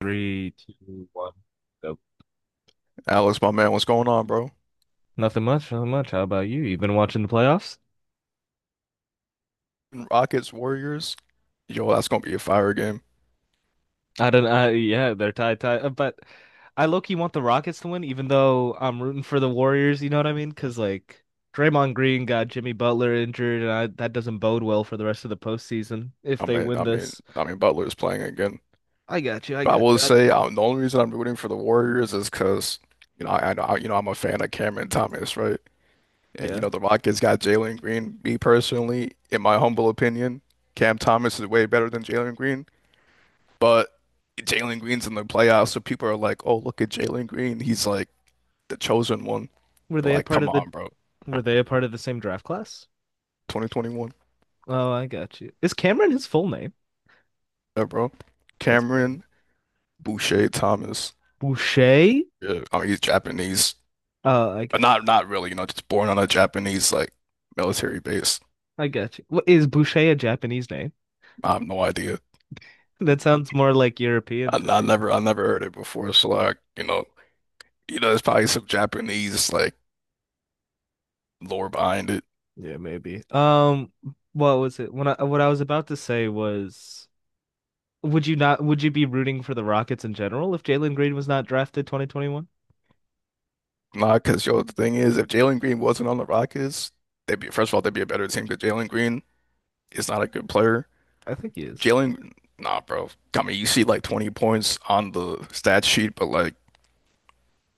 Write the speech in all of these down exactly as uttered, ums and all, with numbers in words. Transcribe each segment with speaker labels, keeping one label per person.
Speaker 1: Three, two, one. Nope.
Speaker 2: Alex, my man, what's going on, bro?
Speaker 1: Nothing much, nothing much. How about you? You've been watching the playoffs?
Speaker 2: Rockets, Warriors. Yo, that's gonna be a fire game.
Speaker 1: I don't, I, yeah, they're tied, tied. uh, But I low-key want the Rockets to win, even though I'm rooting for the Warriors, you know what I mean? Because, like, Draymond Green got Jimmy Butler injured, and I, that doesn't bode well for the rest of the postseason if
Speaker 2: I
Speaker 1: they
Speaker 2: mean,
Speaker 1: win
Speaker 2: I mean,
Speaker 1: this.
Speaker 2: I mean, Butler is playing again.
Speaker 1: I got you, I
Speaker 2: But I
Speaker 1: got
Speaker 2: will
Speaker 1: you. I,
Speaker 2: say, uh the only reason I'm rooting for the Warriors is because, you know, I, I, I- you know, I'm a fan of Cameron Thomas, right? And you
Speaker 1: yeah.
Speaker 2: know, the Rockets got Jalen Green. Me personally, in my humble opinion, Cam Thomas is way better than Jalen Green. But Jalen Green's in the playoffs, so people are like, "Oh, look at Jalen Green. He's like the chosen one."
Speaker 1: Were
Speaker 2: But
Speaker 1: they a
Speaker 2: like,
Speaker 1: part
Speaker 2: come
Speaker 1: of the,
Speaker 2: on, bro.
Speaker 1: were they a part of the same draft class?
Speaker 2: twenty twenty-one,
Speaker 1: Oh, I got you. Is Cameron his full name?
Speaker 2: yeah, bro.
Speaker 1: That's funny.
Speaker 2: Cameron. Boucher Thomas.
Speaker 1: Boucher?
Speaker 2: Yeah, I mean he's Japanese.
Speaker 1: Oh, I
Speaker 2: Uh,
Speaker 1: got
Speaker 2: Not not really, you know, just born on a Japanese like military base.
Speaker 1: I got you. What? Is Boucher a Japanese name?
Speaker 2: I have no idea.
Speaker 1: That sounds more like European
Speaker 2: I,
Speaker 1: to
Speaker 2: I
Speaker 1: me.
Speaker 2: never I never heard it before. So like, you know, you know, there's probably some Japanese like lore behind it.
Speaker 1: Yeah, maybe. Um, what was it? When I What I was about to say was, would you not would you be rooting for the Rockets in general if Jalen Green was not drafted twenty twenty-one?
Speaker 2: Nah, because yo, the thing is, if Jalen Green wasn't on the Rockets, they'd be first of all, they'd be a better team because Jalen Green is not a good player.
Speaker 1: I think he is.
Speaker 2: Jalen, nah, bro. I mean, you see like twenty points on the stat sheet, but like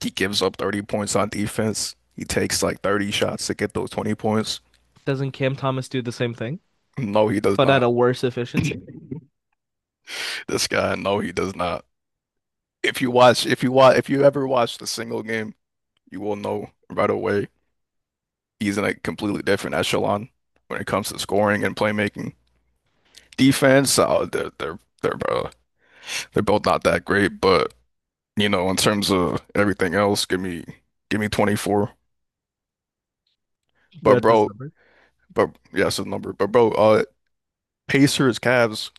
Speaker 2: He gives up thirty points on defense. He takes like thirty shots to get those twenty points.
Speaker 1: Doesn't Cam Thomas do the same thing,
Speaker 2: No, he does
Speaker 1: but at
Speaker 2: not.
Speaker 1: a worse efficiency?
Speaker 2: This guy, no, he does not. If you watch, if you watch, if you ever watched a single game, you will know right away he's in a completely different echelon when it comes to scoring and playmaking. Defense, uh, they're they're they're uh, they're both not that great, but you know, in terms of everything else, give me give me twenty-four. But
Speaker 1: That's his
Speaker 2: bro,
Speaker 1: number.
Speaker 2: but yeah, it's a number. But bro, uh, Pacers, Cavs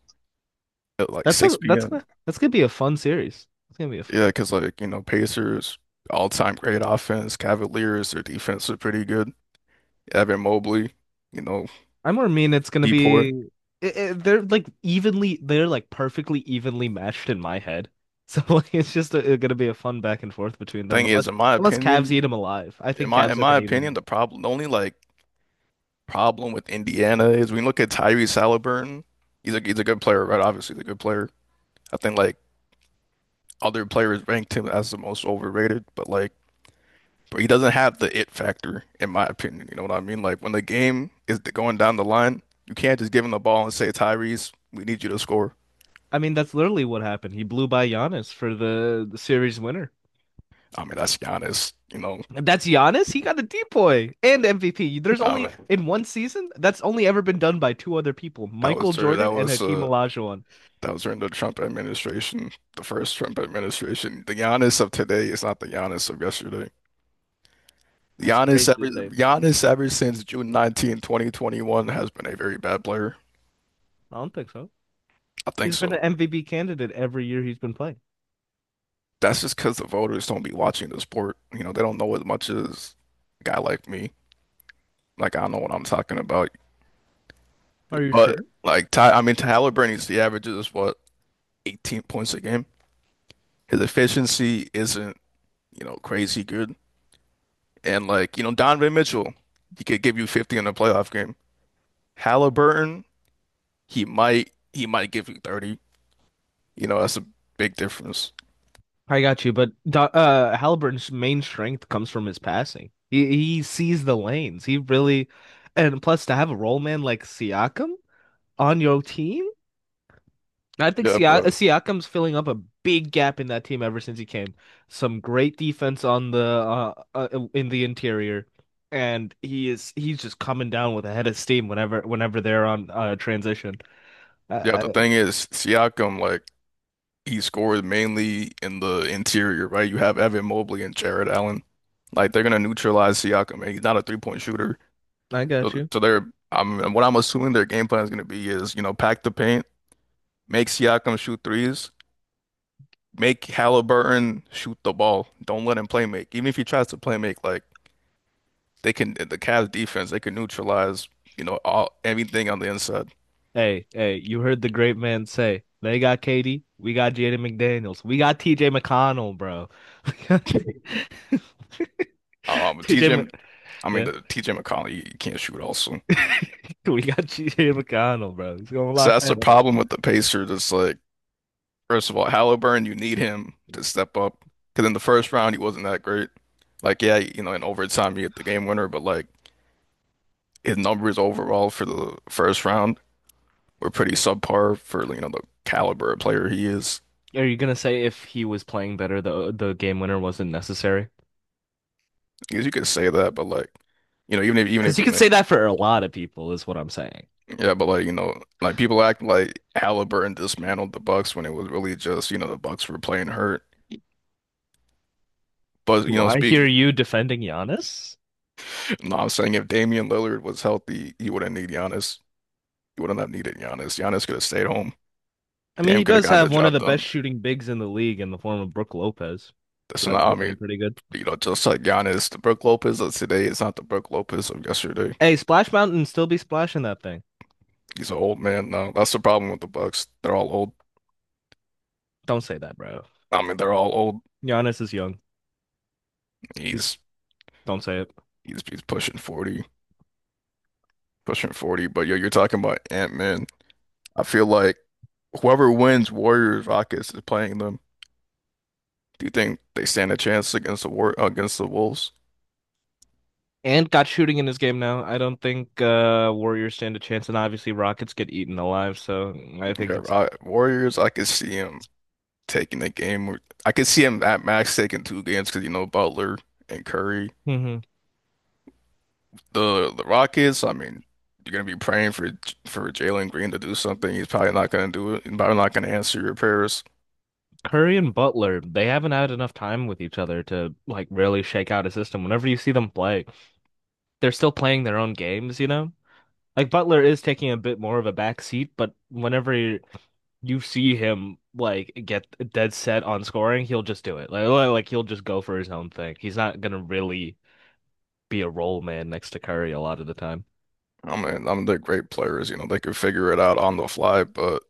Speaker 2: at like
Speaker 1: That's a
Speaker 2: 6
Speaker 1: that's
Speaker 2: p.m.
Speaker 1: gonna that's gonna be a fun series. It's gonna be a fun
Speaker 2: Yeah, because like, you know, Pacers, all-time great offense. Cavaliers, their defense is pretty good. Evan Mobley, you know,
Speaker 1: I'm more mean it's gonna be
Speaker 2: Deport.
Speaker 1: it, it- they're like evenly They're like perfectly evenly matched in my head. So like it's just a, gonna be a fun back and forth between them
Speaker 2: Thing is,
Speaker 1: unless
Speaker 2: in my
Speaker 1: unless Cavs
Speaker 2: opinion,
Speaker 1: eat him alive. I
Speaker 2: in
Speaker 1: think
Speaker 2: my
Speaker 1: Cavs
Speaker 2: in
Speaker 1: are
Speaker 2: my
Speaker 1: gonna eat
Speaker 2: opinion, the
Speaker 1: him.
Speaker 2: problem, the only like problem with Indiana is when you look at Tyrese Halliburton, he's a he's a good player, right? Obviously, he's a good player. I think like other players ranked him as the most overrated, but like, but he doesn't have the it factor, in my opinion. You know what I mean? Like when the game is going down the line, you can't just give him the ball and say, Tyrese, we need you to score.
Speaker 1: I mean that's literally what happened. He blew by Giannis for the, the series winner.
Speaker 2: I mean, that's Giannis, you know.
Speaker 1: That's Giannis. He got a D P O Y and M V P. There's
Speaker 2: I
Speaker 1: only
Speaker 2: mean,
Speaker 1: in one season that's only ever been done by two other people,
Speaker 2: that was
Speaker 1: Michael
Speaker 2: during
Speaker 1: Jordan
Speaker 2: that
Speaker 1: and
Speaker 2: was
Speaker 1: Hakeem
Speaker 2: uh
Speaker 1: Olajuwon.
Speaker 2: that was during the Trump administration, the first Trump administration. The Giannis of today is not the Giannis of yesterday.
Speaker 1: That's
Speaker 2: Giannis
Speaker 1: crazy to
Speaker 2: ever
Speaker 1: say.
Speaker 2: Giannis ever since June nineteenth, twenty twenty-one has been a very bad player.
Speaker 1: I don't think so.
Speaker 2: I think
Speaker 1: He's been an
Speaker 2: so.
Speaker 1: M V P candidate every year he's been playing.
Speaker 2: That's just because the voters don't be watching the sport. You know, they don't know as much as a guy like me. Like I know what I'm talking about.
Speaker 1: Are you
Speaker 2: But
Speaker 1: sure?
Speaker 2: like Ty, I mean Tyler Bernie's the average is what eighteen points a game. His efficiency isn't you know, crazy good. And like, you know, Donovan Mitchell, he could give you fifty in a playoff game. Halliburton, he might he might give you thirty. You know, that's a big difference.
Speaker 1: I got you, but Do- uh, Halliburton's main strength comes from his passing. He he sees the lanes. He really, and plus, to have a role man like Siakam on your team, I think
Speaker 2: Yeah,
Speaker 1: Siak
Speaker 2: but
Speaker 1: Siakam's filling up a big gap in that team ever since he came. Some great defense on the uh, uh in the interior, and he is he's just coming down with a head of steam whenever whenever they're on uh transition. I
Speaker 2: yeah,
Speaker 1: I,
Speaker 2: the thing is, Siakam, like, he scores mainly in the interior, right? You have Evan Mobley and Jared Allen. Like they're gonna neutralize Siakam, and he's not a three point shooter.
Speaker 1: I got
Speaker 2: So,
Speaker 1: you.
Speaker 2: so they're I'm what I'm assuming their game plan is gonna be is, you know, pack the paint, make Siakam shoot threes, make Halliburton shoot the ball. Don't let him play make. Even if he tries to play make, like they can the Cavs defense, they can neutralize, you know, all everything on the inside.
Speaker 1: Hey, hey, you heard the great man say, they got K D, we got Jaden McDaniels, we got T J McConnell, bro.
Speaker 2: Um,
Speaker 1: TJ,
Speaker 2: TJ,
Speaker 1: Mc-
Speaker 2: I mean
Speaker 1: yeah,
Speaker 2: the T J McCollum you can't shoot also.
Speaker 1: we got T J McConnell, bro. He's gonna
Speaker 2: So
Speaker 1: lock
Speaker 2: that's the
Speaker 1: that up.
Speaker 2: problem with the Pacers. It's like, first of all, Halliburton, you need him to step up because in the first round he wasn't that great. Like, yeah, you know, in overtime you get the game winner, but like his numbers overall for the first round were pretty subpar for you know the caliber of player he is.
Speaker 1: Are you gonna say if he was playing better, the the game winner wasn't necessary?
Speaker 2: Because you could say that, but like, you know, even if even
Speaker 1: Because
Speaker 2: if
Speaker 1: you
Speaker 2: you
Speaker 1: could
Speaker 2: know,
Speaker 1: say that for a lot of people, is what I'm saying.
Speaker 2: yeah, but like, you know, like people act like Halliburton dismantled the Bucks when it was really just, you know, the Bucks were playing hurt. But you
Speaker 1: Do
Speaker 2: know,
Speaker 1: I hear
Speaker 2: speak.
Speaker 1: you defending Giannis?
Speaker 2: No, I'm saying if Damian Lillard was healthy, he wouldn't need Giannis. He wouldn't have needed Giannis. Giannis could have stayed home.
Speaker 1: I mean,
Speaker 2: Damn,
Speaker 1: he
Speaker 2: could have
Speaker 1: does
Speaker 2: gotten the
Speaker 1: have one of
Speaker 2: job
Speaker 1: the best
Speaker 2: done.
Speaker 1: shooting bigs in the league in the form of Brooke Lopez, so
Speaker 2: That's
Speaker 1: that
Speaker 2: not,
Speaker 1: could
Speaker 2: I
Speaker 1: have been a
Speaker 2: mean,
Speaker 1: pretty good.
Speaker 2: you know, just like Giannis, the Brook Lopez of today is not the Brook Lopez of yesterday.
Speaker 1: Hey, Splash Mountain still be splashing that thing.
Speaker 2: He's an old man now. That's the problem with the Bucks. They're all old.
Speaker 1: Don't say that, bro.
Speaker 2: I mean, they're all old.
Speaker 1: Giannis is young. He's
Speaker 2: He's
Speaker 1: Don't say it.
Speaker 2: he's he's pushing forty. pushing forty, but yo, you're talking about Ant-Man. I feel like whoever wins Warriors Rockets is playing them. Do you think they stand a chance against the war against the Wolves?
Speaker 1: And got shooting in his game now. I don't think uh Warriors stand a chance, and obviously Rockets get eaten alive. So I think
Speaker 2: Yeah,
Speaker 1: it's.
Speaker 2: Ro- Warriors, I could see him taking the game. or- I could see him at max taking two games because you know Butler and Curry.
Speaker 1: Mhm.
Speaker 2: The the Rockets, I mean, you're gonna be praying for for Jalen Green to do something. He's probably not gonna do it. He's probably not gonna answer your prayers.
Speaker 1: Curry and Butler. They haven't had enough time with each other to like really shake out a system. Whenever you see them play, they're still playing their own games, you know? Like Butler is taking a bit more of a back seat, but whenever you see him like get dead set on scoring, he'll just do it. Like like he'll just go for his own thing. He's not gonna really be a role man next to Curry a lot of the time.
Speaker 2: I mean, I'm the great players, you know, they could figure it out on the fly, but.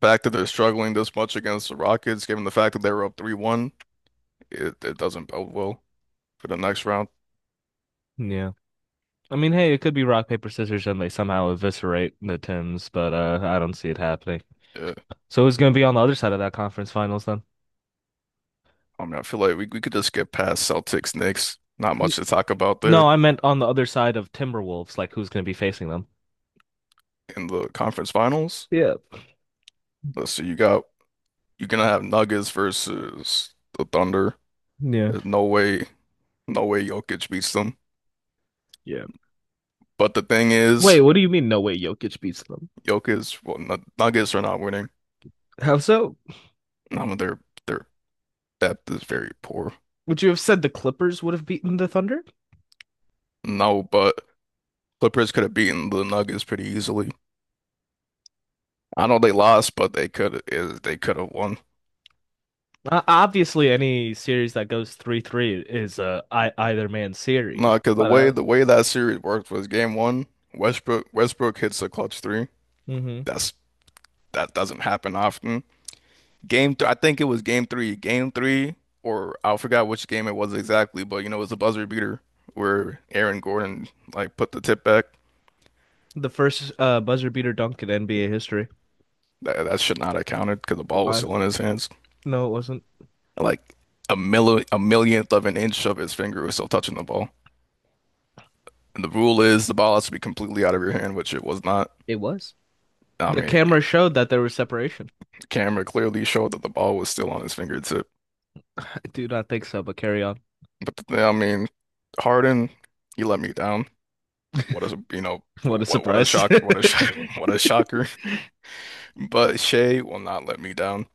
Speaker 2: fact that they're struggling this much against the Rockets, given the fact that they were up three one, it, it doesn't bode well for the next round.
Speaker 1: Yeah. I mean, hey, it could be rock, paper, scissors, and they somehow eviscerate the Timbs, but uh, I don't see it happening.
Speaker 2: Yeah.
Speaker 1: So who's gonna be on the other side of that conference finals then?
Speaker 2: I mean, I feel like we, we could just get past Celtics, Knicks. Not
Speaker 1: N-
Speaker 2: much to talk about there
Speaker 1: No, I meant on the other side of Timberwolves, like who's gonna be facing them.
Speaker 2: in the conference finals.
Speaker 1: Yeah.
Speaker 2: Let's see, you got you're gonna have Nuggets versus the Thunder.
Speaker 1: Yeah.
Speaker 2: There's no way, no way Jokic beats them.
Speaker 1: Yeah.
Speaker 2: But the thing is,
Speaker 1: Wait, what do you mean? No way, Jokic beats them.
Speaker 2: Jokic, well, N- Nuggets are not winning.
Speaker 1: How so?
Speaker 2: I mean, their their depth is very poor.
Speaker 1: Would you have said the Clippers would have beaten the Thunder?
Speaker 2: No, but Clippers could have beaten the Nuggets pretty easily. I know they lost, but they could they could have won.
Speaker 1: Uh, obviously, any series that goes three three is uh, I either man
Speaker 2: No,
Speaker 1: series.
Speaker 2: because the
Speaker 1: But
Speaker 2: way
Speaker 1: uh,
Speaker 2: the way that series worked was game one, Westbrook Westbrook hits a clutch three.
Speaker 1: mhm.
Speaker 2: That's that doesn't happen often. Game th I think it was game three, game three, or I forgot which game it was exactly, but you know it was a buzzer beater where Aaron Gordon like put the tip back.
Speaker 1: The first uh, buzzer beater dunk in N B A history.
Speaker 2: That that should not have counted because the ball was
Speaker 1: Why?
Speaker 2: still in his hands.
Speaker 1: No, it wasn't.
Speaker 2: Like a milli a millionth of an inch of his finger was still touching the ball. And the rule is the ball has to be completely out of your hand, which it was not.
Speaker 1: It was.
Speaker 2: I
Speaker 1: The
Speaker 2: mean, the
Speaker 1: camera showed that there was separation.
Speaker 2: camera clearly showed that the ball was still on his fingertip.
Speaker 1: I do not think so, but carry on.
Speaker 2: But the I mean, Harden, he let me down. What a you know,
Speaker 1: What a
Speaker 2: what what a
Speaker 1: surprise.
Speaker 2: shock, what a shock, what a shocker. But Shea will not let me down.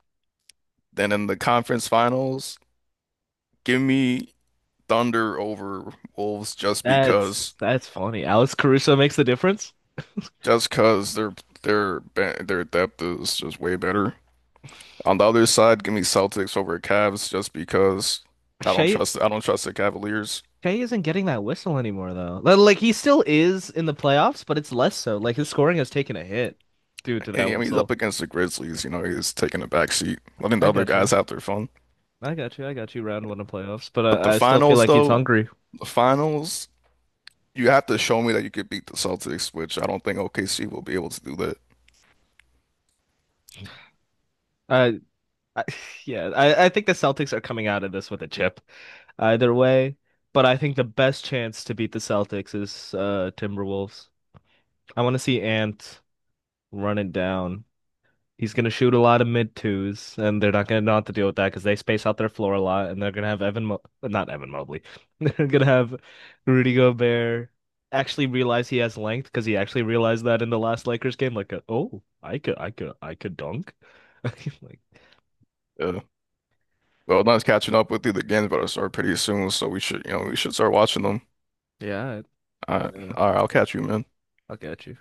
Speaker 2: Then in the conference finals, give me Thunder over Wolves just because,
Speaker 1: That's that's funny. Alex Caruso makes the difference.
Speaker 2: just because their their be- their depth is just way better. On the other side, give me Celtics over Cavs just because I don't
Speaker 1: Shai
Speaker 2: trust I don't trust the Cavaliers.
Speaker 1: Shea isn't getting that whistle anymore, though. Like he still is in the playoffs, but it's less so. Like his scoring has taken a hit due to
Speaker 2: And,
Speaker 1: that
Speaker 2: I mean, he's
Speaker 1: whistle.
Speaker 2: up against the Grizzlies. You know, he's taking a back seat, letting
Speaker 1: I
Speaker 2: the other
Speaker 1: got you.
Speaker 2: guys have their fun.
Speaker 1: I got you. I got you. Round one of playoffs, but
Speaker 2: But the
Speaker 1: I, I still feel
Speaker 2: finals,
Speaker 1: like he's
Speaker 2: though,
Speaker 1: hungry.
Speaker 2: the finals, you have to show me that you could beat the Celtics, which I don't think O K C will be able to do that.
Speaker 1: I, I yeah, I, I think the Celtics are coming out of this with a chip, either way. But I think the best chance to beat the Celtics is uh Timberwolves. I want to see Ant run it down. He's going to shoot a lot of mid twos, and they're not going to know how to deal with that because they space out their floor a lot, and they're going to have Evan, Mo not Evan Mobley. They're going to have Rudy Gobert actually realize he has length because he actually realized that in the last Lakers game. Like, uh, oh, I could, I could, I could dunk. Like,
Speaker 2: Yeah. Well, not catching up with you. The games about to start pretty soon, so we should, you know, we should start watching them.
Speaker 1: yeah,
Speaker 2: All right,
Speaker 1: uh,
Speaker 2: all right, I'll catch you, man.
Speaker 1: I'll get you.